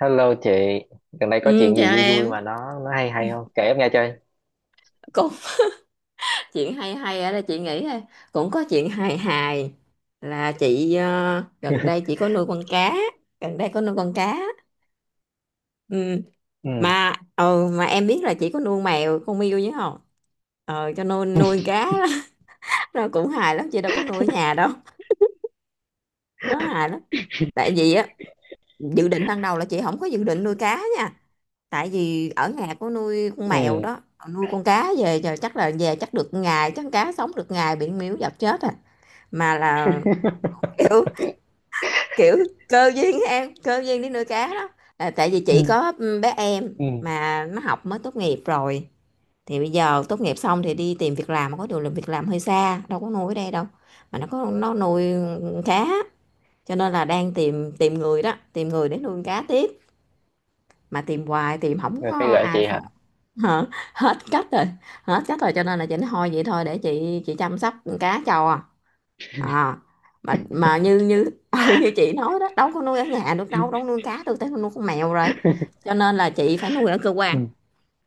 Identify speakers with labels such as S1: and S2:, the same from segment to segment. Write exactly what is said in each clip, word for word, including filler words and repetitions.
S1: Hello chị, gần đây có
S2: Ừ,
S1: chuyện
S2: chào
S1: gì vui vui
S2: em
S1: mà nó nó hay hay không? Kể em nghe chơi.
S2: cũng chuyện hay hay ở đây chị nghĩ ha. Cũng có chuyện hài hài là chị ờ, gần đây chị có nuôi con cá. Gần đây có nuôi con cá, ừ.
S1: Ừ,
S2: mà ừ, mà em biết là chị có nuôi mèo con Miu chứ không, ờ cho nuôi nuôi cá đó. Nó cũng hài lắm, chị đâu có nuôi ở nhà đâu, nó hài lắm. Tại vì á, dự định ban đầu là chị không có dự định nuôi cá nha, tại vì ở nhà có nuôi con mèo
S1: ừ,
S2: đó. Nuôi con cá về giờ chắc là về chắc được ngày, chắc cá sống được ngày bị miếu dập chết à. Mà là kiểu, kiểu cơ duyên á em, cơ duyên đi nuôi cá đó. Là tại vì chị
S1: Ừ.
S2: có bé em
S1: Ừ.
S2: mà nó học mới tốt nghiệp rồi, thì bây giờ tốt nghiệp xong thì đi tìm việc làm, mà có điều là việc làm hơi xa, đâu có nuôi ở đây đâu, mà nó có nó nuôi cá. Cho nên là đang tìm tìm người đó, tìm người để nuôi cá tiếp, mà tìm hoài tìm không
S1: Rồi
S2: có
S1: cái gợi
S2: ai
S1: chị hả?
S2: phò. Hết cách rồi, hết cách rồi, cho nên là chị nói thôi vậy thôi để chị chị chăm sóc cá cho à. À, mà mà như như ừ, như chị nói đó, đâu có nuôi ở nhà được đâu, đâu có nuôi cá được tới nuôi con mèo rồi. Cho nên là chị phải nuôi ở cơ
S1: Ừ.
S2: quan,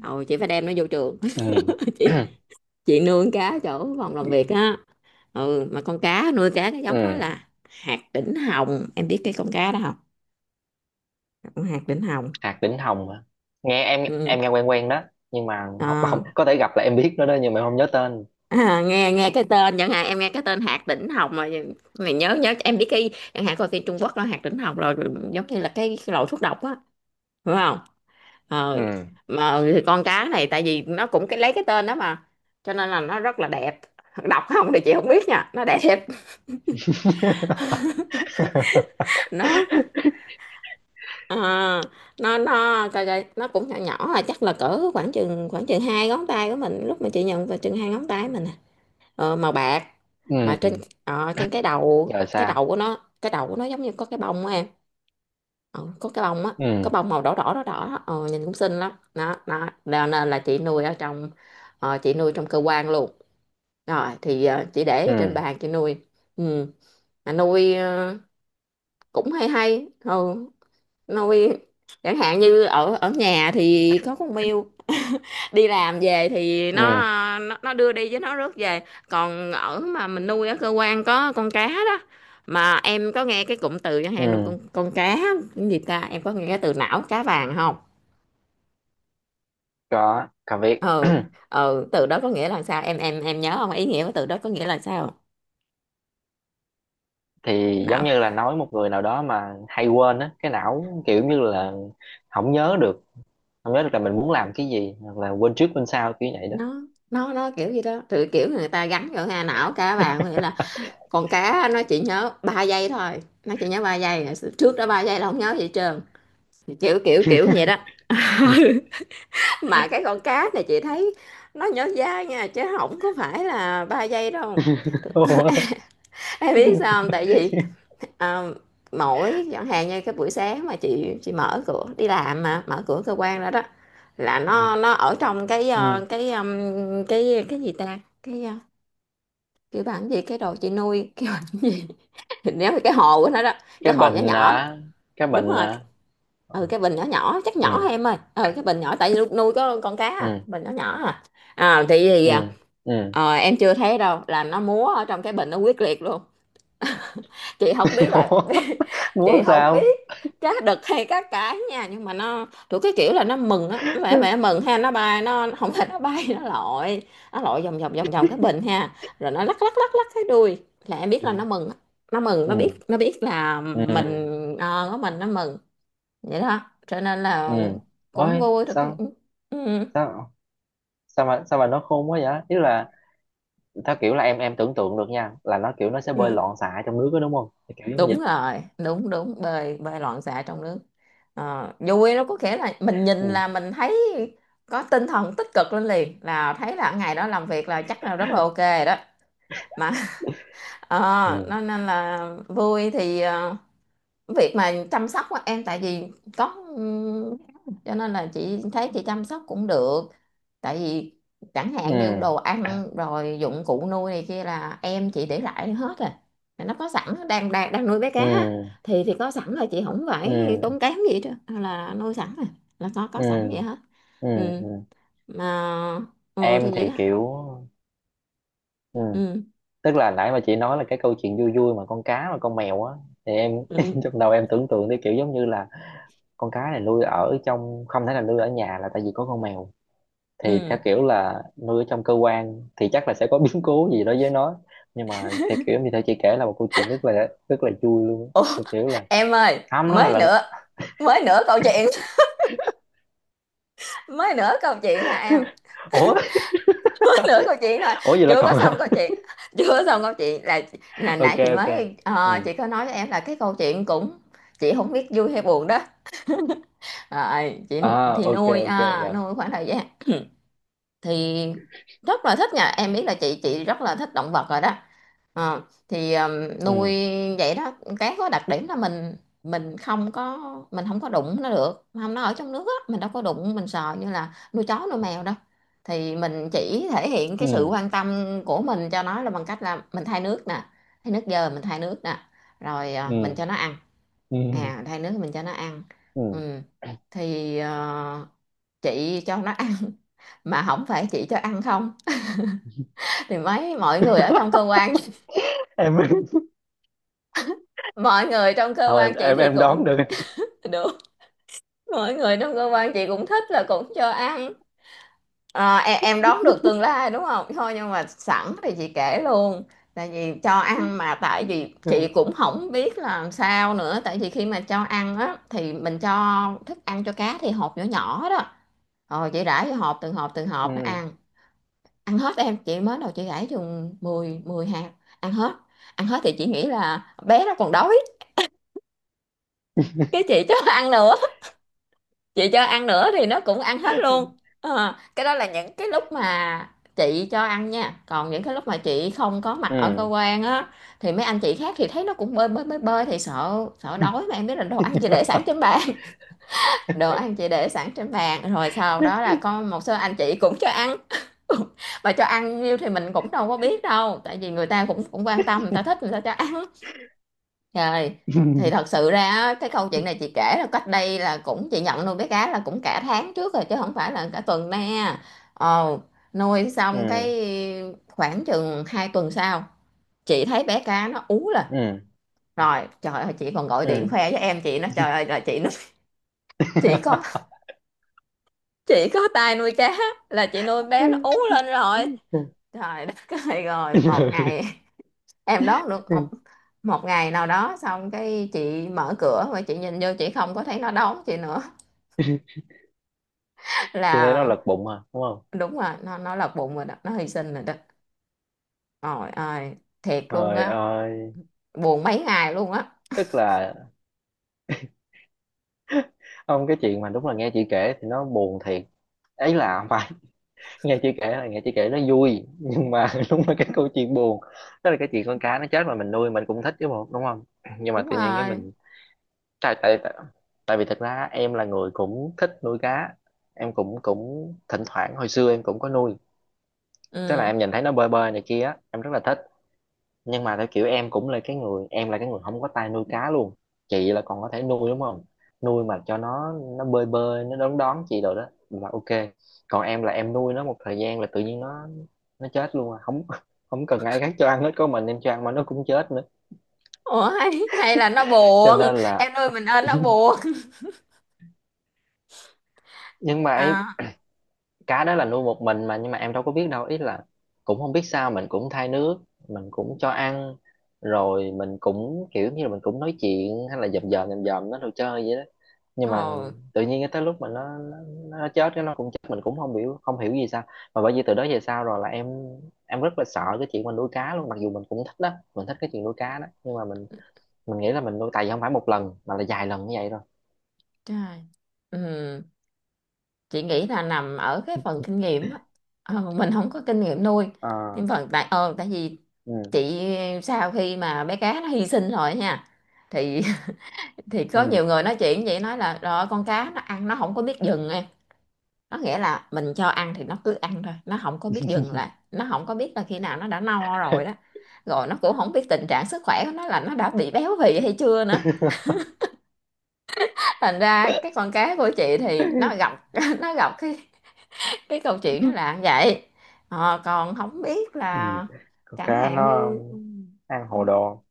S2: ừ, chị phải đem nó vô trường.
S1: Ừ,
S2: chị chị nuôi con cá chỗ phòng làm việc á, ừ. Mà con cá nuôi cá cái giống đó
S1: ừ.
S2: là hạt đỉnh hồng, em biết cái con cá đó không? Con hạt đỉnh hồng,
S1: Hạt đỉnh hồng hả? Nghe em
S2: ừ.
S1: em nghe quen quen đó, nhưng mà không, không
S2: À,
S1: có thể gặp là em biết nó đó nhưng mà em không nhớ tên.
S2: à, nghe nghe cái tên, chẳng hạn em nghe cái tên hạt đỉnh hồng mà, mày nhớ, nhớ em biết cái, chẳng hạn coi phim Trung Quốc đó, hạt đỉnh hồng rồi giống như là cái, cái loại thuốc độc á, đúng không?
S1: Ừ,
S2: ờ mà thì con cá này tại vì nó cũng cái lấy cái tên đó mà, cho nên là nó rất là đẹp. Đọc không thì chị không biết nha, nó đẹp. nó ờ, nó nó coi coi, nó cũng nhỏ nhỏ à, chắc là cỡ khoảng chừng khoảng chừng hai ngón tay của mình, lúc mà chị nhận vào chừng hai ngón tay mình à. Ờ, màu bạc,
S1: ừ.
S2: mà trên, ờ, trên cái đầu
S1: Rồi
S2: cái
S1: sao?
S2: đầu của nó cái đầu của nó giống như có cái bông á em. ờ, có cái bông á, có
S1: Ừ,
S2: bông màu đỏ đỏ đỏ đỏ đó. ờ, Nhìn cũng xinh lắm đó đó. Cho nên là chị nuôi ở trong, ờ, chị nuôi trong cơ quan luôn. Rồi thì ờ, chị để trên
S1: ừ,
S2: bàn chị nuôi. Ừ. Mà nuôi ờ, cũng hay hay. Ừ. Nuôi chẳng hạn như ở ở nhà thì có con mèo, đi làm về thì nó
S1: ừ,
S2: ờ, nó, nó đưa đi với nó rước về. Còn ở mà mình nuôi ở cơ quan có con cá đó. Mà em có nghe cái cụm từ chẳng hạn nuôi
S1: ừ.
S2: con con cá cái gì ta? Em có nghe cái từ não cá vàng không?
S1: Có, có biết.
S2: Ừ. Ừ, từ đó có nghĩa là sao? Em em em nhớ không? Ý nghĩa của từ đó có nghĩa là sao?
S1: Thì giống như là nói một người nào đó mà hay quên á, cái não kiểu như là không nhớ được không nhớ được là mình muốn làm cái gì hoặc là quên trước quên sau kiểu vậy đó.
S2: nó nó nó kiểu gì đó, thì kiểu người ta gắn vào hà, não cá vàng có nghĩa là con cá nó chỉ nhớ ba giây thôi, nó chỉ nhớ ba giây, trước đó ba giây là không nhớ gì hết trơn, kiểu kiểu kiểu vậy đó. Mà cái con cá này chị thấy nó nhớ dai nha, chứ không có phải là ba giây đâu.
S1: Ủa?
S2: Em biết sao không? Tại vì à, mỗi chẳng hạn như cái buổi sáng mà chị chị mở cửa đi làm, mà mở cửa cơ quan ra đó, là
S1: Ừ.
S2: nó nó ở trong cái,
S1: Ừ.
S2: ờ, cái, ừm, cái cái gì ta, cái, ờ, kêu bà làm gì cái đồ chị nuôi, kêu bà làm gì. Thì nếu mà cái hồ của nó đó,
S1: cái
S2: cái hồ nhỏ
S1: bình
S2: nhỏ,
S1: hả cái
S2: đúng
S1: bình
S2: rồi,
S1: hả
S2: ừ, cái bình nhỏ nhỏ chắc nhỏ
S1: Ừ,
S2: em ơi, ừ cái bình nhỏ, tại vì lúc nuôi có con cá à,
S1: ừ,
S2: bình nhỏ nhỏ à. À thì, thì
S1: ừ, ừ.
S2: ờ, em chưa thấy đâu là nó múa ở trong cái bình, nó quyết liệt luôn. Chị không biết là,
S1: Ủa?
S2: chị
S1: Muốn
S2: không biết
S1: sao?
S2: cá đực hay cá cái nha, nhưng mà nó thuộc cái kiểu là nó mừng á, nó vẻ
S1: Ừ,
S2: vẻ mừng ha, nó bay, nó không phải nó bay, nó lội, nó lội vòng vòng vòng vòng cái bình ha, rồi nó lắc lắc lắc lắc cái đuôi là em biết là nó mừng á. Nó mừng,
S1: ừ,
S2: nó biết, nó biết là
S1: ừ,
S2: mình, ờ, có mình nó mừng vậy đó, cho nên
S1: ừ.
S2: là cũng
S1: Ôi
S2: vui được cái,
S1: sao
S2: ừ.
S1: sao sao mà sao mà nó khôn quá vậy, ý là... Theo kiểu là em em tưởng tượng được nha, là nó kiểu nó sẽ bơi
S2: Ừ.
S1: loạn xạ trong nước đó, đúng không? Thì kiểu giống
S2: Đúng
S1: vậy.
S2: rồi, đúng đúng, bơi bơi loạn xạ trong nước. Ờ, vui nó có nghĩa là mình nhìn
S1: Ừ.
S2: là mình thấy có tinh thần tích cực lên liền, là thấy là ngày đó làm việc là chắc là rất là ok rồi đó. Mà ờ,
S1: Ừ.
S2: nó nên là vui thì, ờ, việc mà chăm sóc á em, tại vì có, ừm, cho nên là chị thấy chị chăm sóc cũng được, tại vì chẳng
S1: Ừ.
S2: hạn như đồ ăn rồi dụng cụ nuôi này kia là em chị để lại hết rồi. Mà nó có sẵn, đang đang đang nuôi bé cá
S1: Ừ.
S2: á, thì thì có sẵn là chị không phải
S1: Ừ.
S2: tốn kém gì đó, là nuôi sẵn rồi, là có có
S1: Ừ.
S2: sẵn vậy hết.
S1: Ừ.
S2: Ừ.
S1: Ừ.
S2: Mà ừ,
S1: Em
S2: thì vậy
S1: thì
S2: đó.
S1: kiểu, ừ.
S2: Ừ.
S1: Tức là nãy mà chị nói là cái câu chuyện vui vui mà con cá và con mèo á, thì em
S2: Ừ.
S1: trong đầu em tưởng tượng tới kiểu giống như là con cá này nuôi ở trong không thể nào nuôi ở nhà là tại vì có con mèo, thì theo
S2: Ừ.
S1: kiểu là nuôi ở trong cơ quan thì chắc là sẽ có biến cố gì đó với nó, nhưng mà theo kiểu như thế chị kể là một câu chuyện rất là rất là vui luôn á.
S2: Ủa,
S1: Theo kiểu là
S2: em ơi,
S1: không, nó là
S2: mới
S1: lần...
S2: nữa, mới nữa câu chuyện, mới nữa câu chuyện hả em.
S1: ủa
S2: Nửa câu chuyện thôi,
S1: ủa vậy là
S2: chưa có
S1: còn...
S2: xong câu chuyện, chưa có xong câu chuyện là là nãy
S1: Ok,
S2: chị
S1: ok.
S2: mới,
S1: Ừ,
S2: ờ, chị có nói với em là cái câu chuyện cũng, chị không biết vui hay buồn đó. Rồi, chị
S1: à
S2: thì
S1: ok,
S2: nuôi
S1: ok
S2: à,
S1: rồi.
S2: nuôi khoảng thời gian thì rất là thích nha, em biết là chị chị rất là thích động vật rồi đó. Ờ, thì ừm, nuôi
S1: Ừ,
S2: vậy đó. Cái có đặc điểm là mình mình không có mình không có đụng nó được, không, nó ở trong nước á, mình đâu có đụng, mình sờ như là nuôi chó nuôi mèo đâu, thì mình chỉ thể hiện cái sự
S1: ừ,
S2: quan tâm của mình cho nó là bằng cách là mình thay nước nè, thay nước dơ mình thay nước nè, rồi, ờ, mình
S1: ừ,
S2: cho nó ăn.
S1: ừ,
S2: À, thay nước mình cho nó ăn.
S1: ừ.
S2: Ừ. Thì, ờ, chị cho nó ăn, mà không phải chị cho ăn không, thì mấy mọi người ở trong cơ quan,
S1: Em
S2: mọi người trong cơ
S1: không, em
S2: quan chị
S1: em
S2: thì
S1: em
S2: cũng
S1: đoán được.
S2: được, mọi người trong cơ quan chị cũng thích là cũng cho ăn. Ờ, em, em đoán được tương lai đúng không? Thôi nhưng mà sẵn thì chị kể luôn. Tại vì cho ăn mà tại vì chị
S1: Ừ,
S2: cũng không biết làm sao nữa, tại vì khi mà cho ăn á thì mình cho thức ăn cho cá thì hộp nhỏ nhỏ đó, rồi chị rải vô hộp từng hộp từng hộp nó
S1: ừ,
S2: ăn. Ăn hết, em chị mới đầu chị gãi chừng mười mười hạt. Ăn hết, ăn hết thì chị nghĩ là bé nó còn đói, cái chị cho ăn nữa, chị cho ăn nữa thì nó cũng ăn hết luôn. Ờ, cái đó là những cái lúc mà chị cho ăn nha, còn những cái lúc mà chị không có mặt ở cơ
S1: ừ.
S2: quan á, thì mấy anh chị khác thì thấy nó cũng bơi bơi bơi bơi thì sợ, sợ đói, mà em biết là đồ ăn chị để sẵn trên bàn. Đồ ăn chị để sẵn trên bàn, rồi sau đó là có một số anh chị cũng cho ăn. Bà cho ăn nhiêu thì mình cũng đâu có biết đâu, tại vì người ta cũng cũng quan tâm, người ta thích người ta cho ăn. Trời, thì thật sự ra á, cái câu chuyện này chị kể là cách đây là cũng, chị nhận nuôi bé cá là cũng cả tháng trước rồi chứ không phải là cả tuần nè. Ồ, nuôi xong
S1: Ừ,
S2: cái khoảng chừng hai tuần sau chị thấy bé cá nó ú lên
S1: ừ, ừ,
S2: rồi, trời ơi, chị còn gọi điện
S1: ừ.
S2: khoe với em chị nó, trời ơi là chị nó, chị có chị có tay nuôi cá, là chị nuôi bé nó ú lên rồi. Trời đất ơi, rồi một ngày em đón được,
S1: Ừ.
S2: một một ngày nào đó, xong cái chị mở cửa mà chị nhìn vô chị không có thấy nó đón chị nữa.
S1: Chị thấy nó
S2: Là
S1: lật bụng à, đúng không?
S2: đúng rồi, nó nó lật bụng rồi đó, nó hy sinh rồi đó. Trời ơi, thiệt luôn
S1: Trời
S2: á,
S1: ơi,
S2: buồn mấy ngày luôn á.
S1: tức là... không, cái chuyện mà đúng là nghe chị kể thì nó buồn thiệt. Ấy là không phải, nghe chị kể là nghe chị kể nó vui, nhưng mà đúng là cái câu chuyện buồn. Tức là cái chuyện con cá nó chết mà mình nuôi mình cũng thích chứ bộ, đúng không? Nhưng mà
S2: Đúng
S1: tự nhiên cái
S2: rồi.
S1: mình tại tại tại tại vì thật ra em là người cũng thích nuôi cá. Em cũng cũng thỉnh thoảng hồi xưa em cũng có nuôi. Tức là
S2: Ừ.
S1: em nhìn thấy nó bơi bơi này kia, á, em rất là thích. Nhưng mà theo kiểu em cũng là cái người em là cái người không có tay nuôi cá luôn. Chị là còn có thể nuôi, đúng không? Nuôi mà cho nó nó bơi bơi, nó đón đón chị rồi đó là ok. Còn em là em nuôi nó một thời gian là tự nhiên nó nó chết luôn à, không không cần ai khác cho ăn hết, có mình em cho ăn mà nó cũng chết nữa.
S2: Ủa hay, hay là nó
S1: Cho
S2: buồn
S1: nên là...
S2: em nuôi mình ơn nó buồn.
S1: nhưng mà ấy,
S2: À.
S1: cá đó là nuôi một mình mà nhưng mà em đâu có biết đâu, ý là cũng không biết sao, mình cũng thay nước, mình cũng cho ăn, rồi mình cũng kiểu như là mình cũng nói chuyện hay là dòm dòm dòm dòm nó đồ chơi vậy đó, nhưng mà
S2: Ồ.
S1: tự nhiên cái tới lúc mà nó nó, nó chết, cái nó cũng chết, mình cũng không hiểu không hiểu gì sao. Mà bởi vì từ đó về sau rồi là em em rất là sợ cái chuyện mình nuôi cá luôn, mặc dù mình cũng thích đó, mình thích cái chuyện nuôi cá đó, nhưng mà mình mình nghĩ là mình nuôi tại vì không phải một lần mà là vài lần như vậy rồi.
S2: Trời. Ừ, chị nghĩ là nằm ở cái phần kinh nghiệm á. Ờ, mình không có kinh nghiệm nuôi,
S1: Ờ,
S2: nhưng phần tại ờ tại vì
S1: ừ,
S2: chị sau khi mà bé cá nó hy sinh rồi nha, thì thì có
S1: ừ.
S2: nhiều người nói chuyện vậy, nói là rồi con cá nó ăn nó không có biết dừng em. Nó nghĩa là mình cho ăn thì nó cứ ăn thôi, nó không có biết dừng, là nó không có biết là khi nào nó đã no rồi đó. Rồi nó cũng không biết tình trạng sức khỏe của nó là nó đã bị béo phì hay chưa nữa. Thành ra cái con cá của chị thì nó gặp nó gặp cái cái câu chuyện nó là vậy. Ờ, còn không biết
S1: Ừ.
S2: là
S1: Con
S2: chẳng
S1: cá
S2: hạn
S1: nó
S2: như
S1: ăn hồ
S2: không biết,
S1: đồ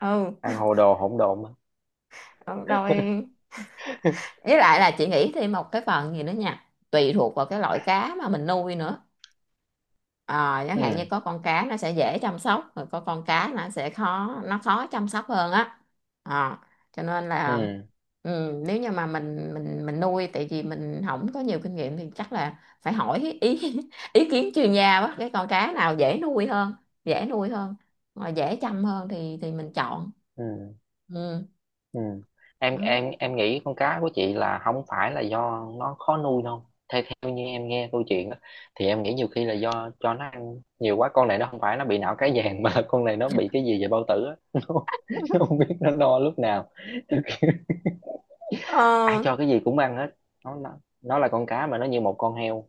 S2: ừ.
S1: ăn hồ đồ hỗn độn mà.
S2: Rồi với lại là chị nghĩ thêm một cái phần gì nữa nha, tùy thuộc vào cái loại cá mà mình nuôi nữa. Ờ, chẳng hạn
S1: Ừ,
S2: như có con cá nó sẽ dễ chăm sóc, rồi có con cá nó sẽ khó, nó khó chăm sóc hơn á. Ờ, cho nên là
S1: ừ,
S2: ừ, nếu như mà mình mình mình nuôi tại vì mình không có nhiều kinh nghiệm thì chắc là phải hỏi ý ý kiến chuyên gia quá, cái con cá nào dễ nuôi hơn, dễ nuôi hơn mà dễ chăm hơn thì thì mình chọn.
S1: ừ,
S2: Ừ.
S1: ừ. em
S2: Đó.
S1: em em nghĩ con cá của chị là không phải là do nó khó nuôi đâu. Đương nhiên em nghe câu chuyện đó, thì em nghĩ nhiều khi là do cho nó ăn nhiều quá, con này nó không phải nó bị não cái vàng mà là con này nó bị cái gì về bao tử á. Nó, không- nó không biết nó no lúc nào, ai
S2: Ờ,
S1: cho cái gì cũng ăn hết. Nó nó, nó là con cá mà nó như một con heo,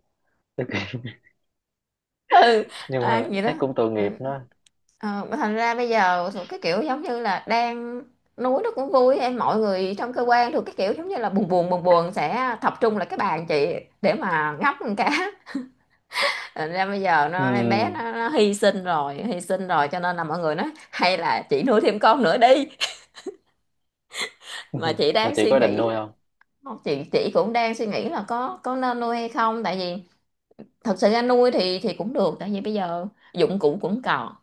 S2: ừ,
S1: nhưng
S2: à,
S1: mà
S2: vậy đó.
S1: thấy cũng tội
S2: Ừ.
S1: nghiệp nó.
S2: Ờ, mà thành ra bây giờ cái kiểu giống như là đang núi nó cũng vui em, mọi người trong cơ quan thuộc cái kiểu giống như là buồn buồn buồn buồn sẽ tập trung lại cái bàn chị để mà ngắp con cá. Thành ra bây giờ
S1: Ừ.
S2: nó em bé nó, nó hy sinh rồi, hy sinh rồi, cho nên là mọi người nói hay là chị nuôi thêm con nữa đi, mà chị
S1: Rồi
S2: đang
S1: chị
S2: suy
S1: có định
S2: nghĩ
S1: nuôi
S2: là-
S1: không?
S2: Không, chị chị cũng đang suy nghĩ là có có nên nuôi hay không, tại vì thật sự ra nuôi thì thì cũng được, tại vì bây giờ dụng cụ cũng còn,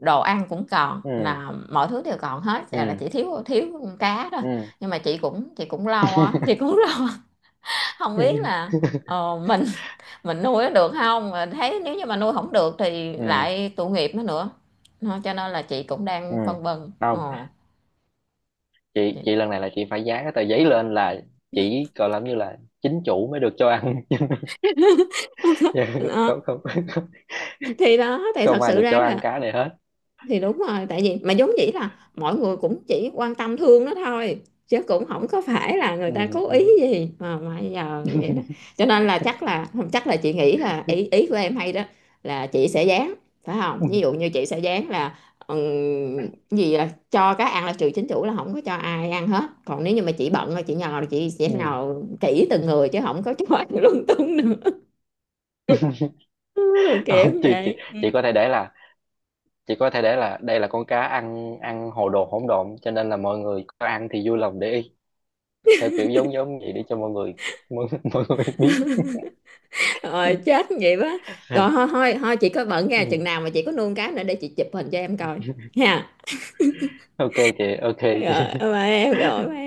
S2: đồ ăn cũng còn,
S1: Ừ,
S2: là mọi thứ đều còn hết, dạ là
S1: ừ,
S2: chỉ thiếu thiếu con cá thôi.
S1: ừ,
S2: Nhưng mà chị cũng chị cũng lo á, chị cũng lo không biết
S1: ừ,
S2: là ờ, mình mình nuôi nó được không. Mà thấy nếu như mà nuôi không được thì
S1: ừ,
S2: lại tội nghiệp nó nữa. Nó- cho nên là chị cũng
S1: ừ.
S2: đang phân vân,
S1: Không,
S2: ờ
S1: chị
S2: chị-
S1: chị lần này là chị phải dán cái tờ giấy lên là chỉ gọi làm như là chính chủ mới được cho ăn. Dạ,
S2: đó.
S1: không, không,
S2: Thì đó thì
S1: không
S2: thật
S1: ai
S2: sự
S1: được
S2: ra
S1: cho ăn
S2: là
S1: cá này hết.
S2: thì đúng rồi, tại vì mà giống vậy là mọi người cũng chỉ quan tâm thương nó thôi, chứ cũng không có phải là người
S1: Ừ,
S2: ta cố
S1: ừ,
S2: ý gì mà mà giờ vậy đó. Cho nên là chắc là không, chắc là chị nghĩ là ý ý của em hay đó, là chị sẽ dán, phải không,
S1: ừ,
S2: ví dụ như chị sẽ dán là ừm, gì là cho cá ăn là trừ chính chủ là không có cho ai ăn hết, còn nếu như mà chị bận rồi chị nhờ là chị sẽ
S1: ừ.
S2: nhờ kỹ từng người chứ không có cho ai lung tung nữa. Rồi
S1: Không,
S2: kiểu
S1: chị chị
S2: vậy.
S1: chị có thể để là chị có thể để là đây là con cá ăn ăn hồ đồ hỗn độn, cho nên là mọi người có ăn thì vui lòng để ý, theo kiểu giống giống vậy để cho mọi người, mọi, mọi người biết.
S2: Rồi chết vậy quá. Rồi thôi thôi thôi chị có bận nha,
S1: Ừ.
S2: chừng nào mà chị có nuông cá nữa để chị chụp hình cho em coi. Nha.
S1: Ok chị, ok
S2: Rồi
S1: chị.
S2: bye em, rồi bye em.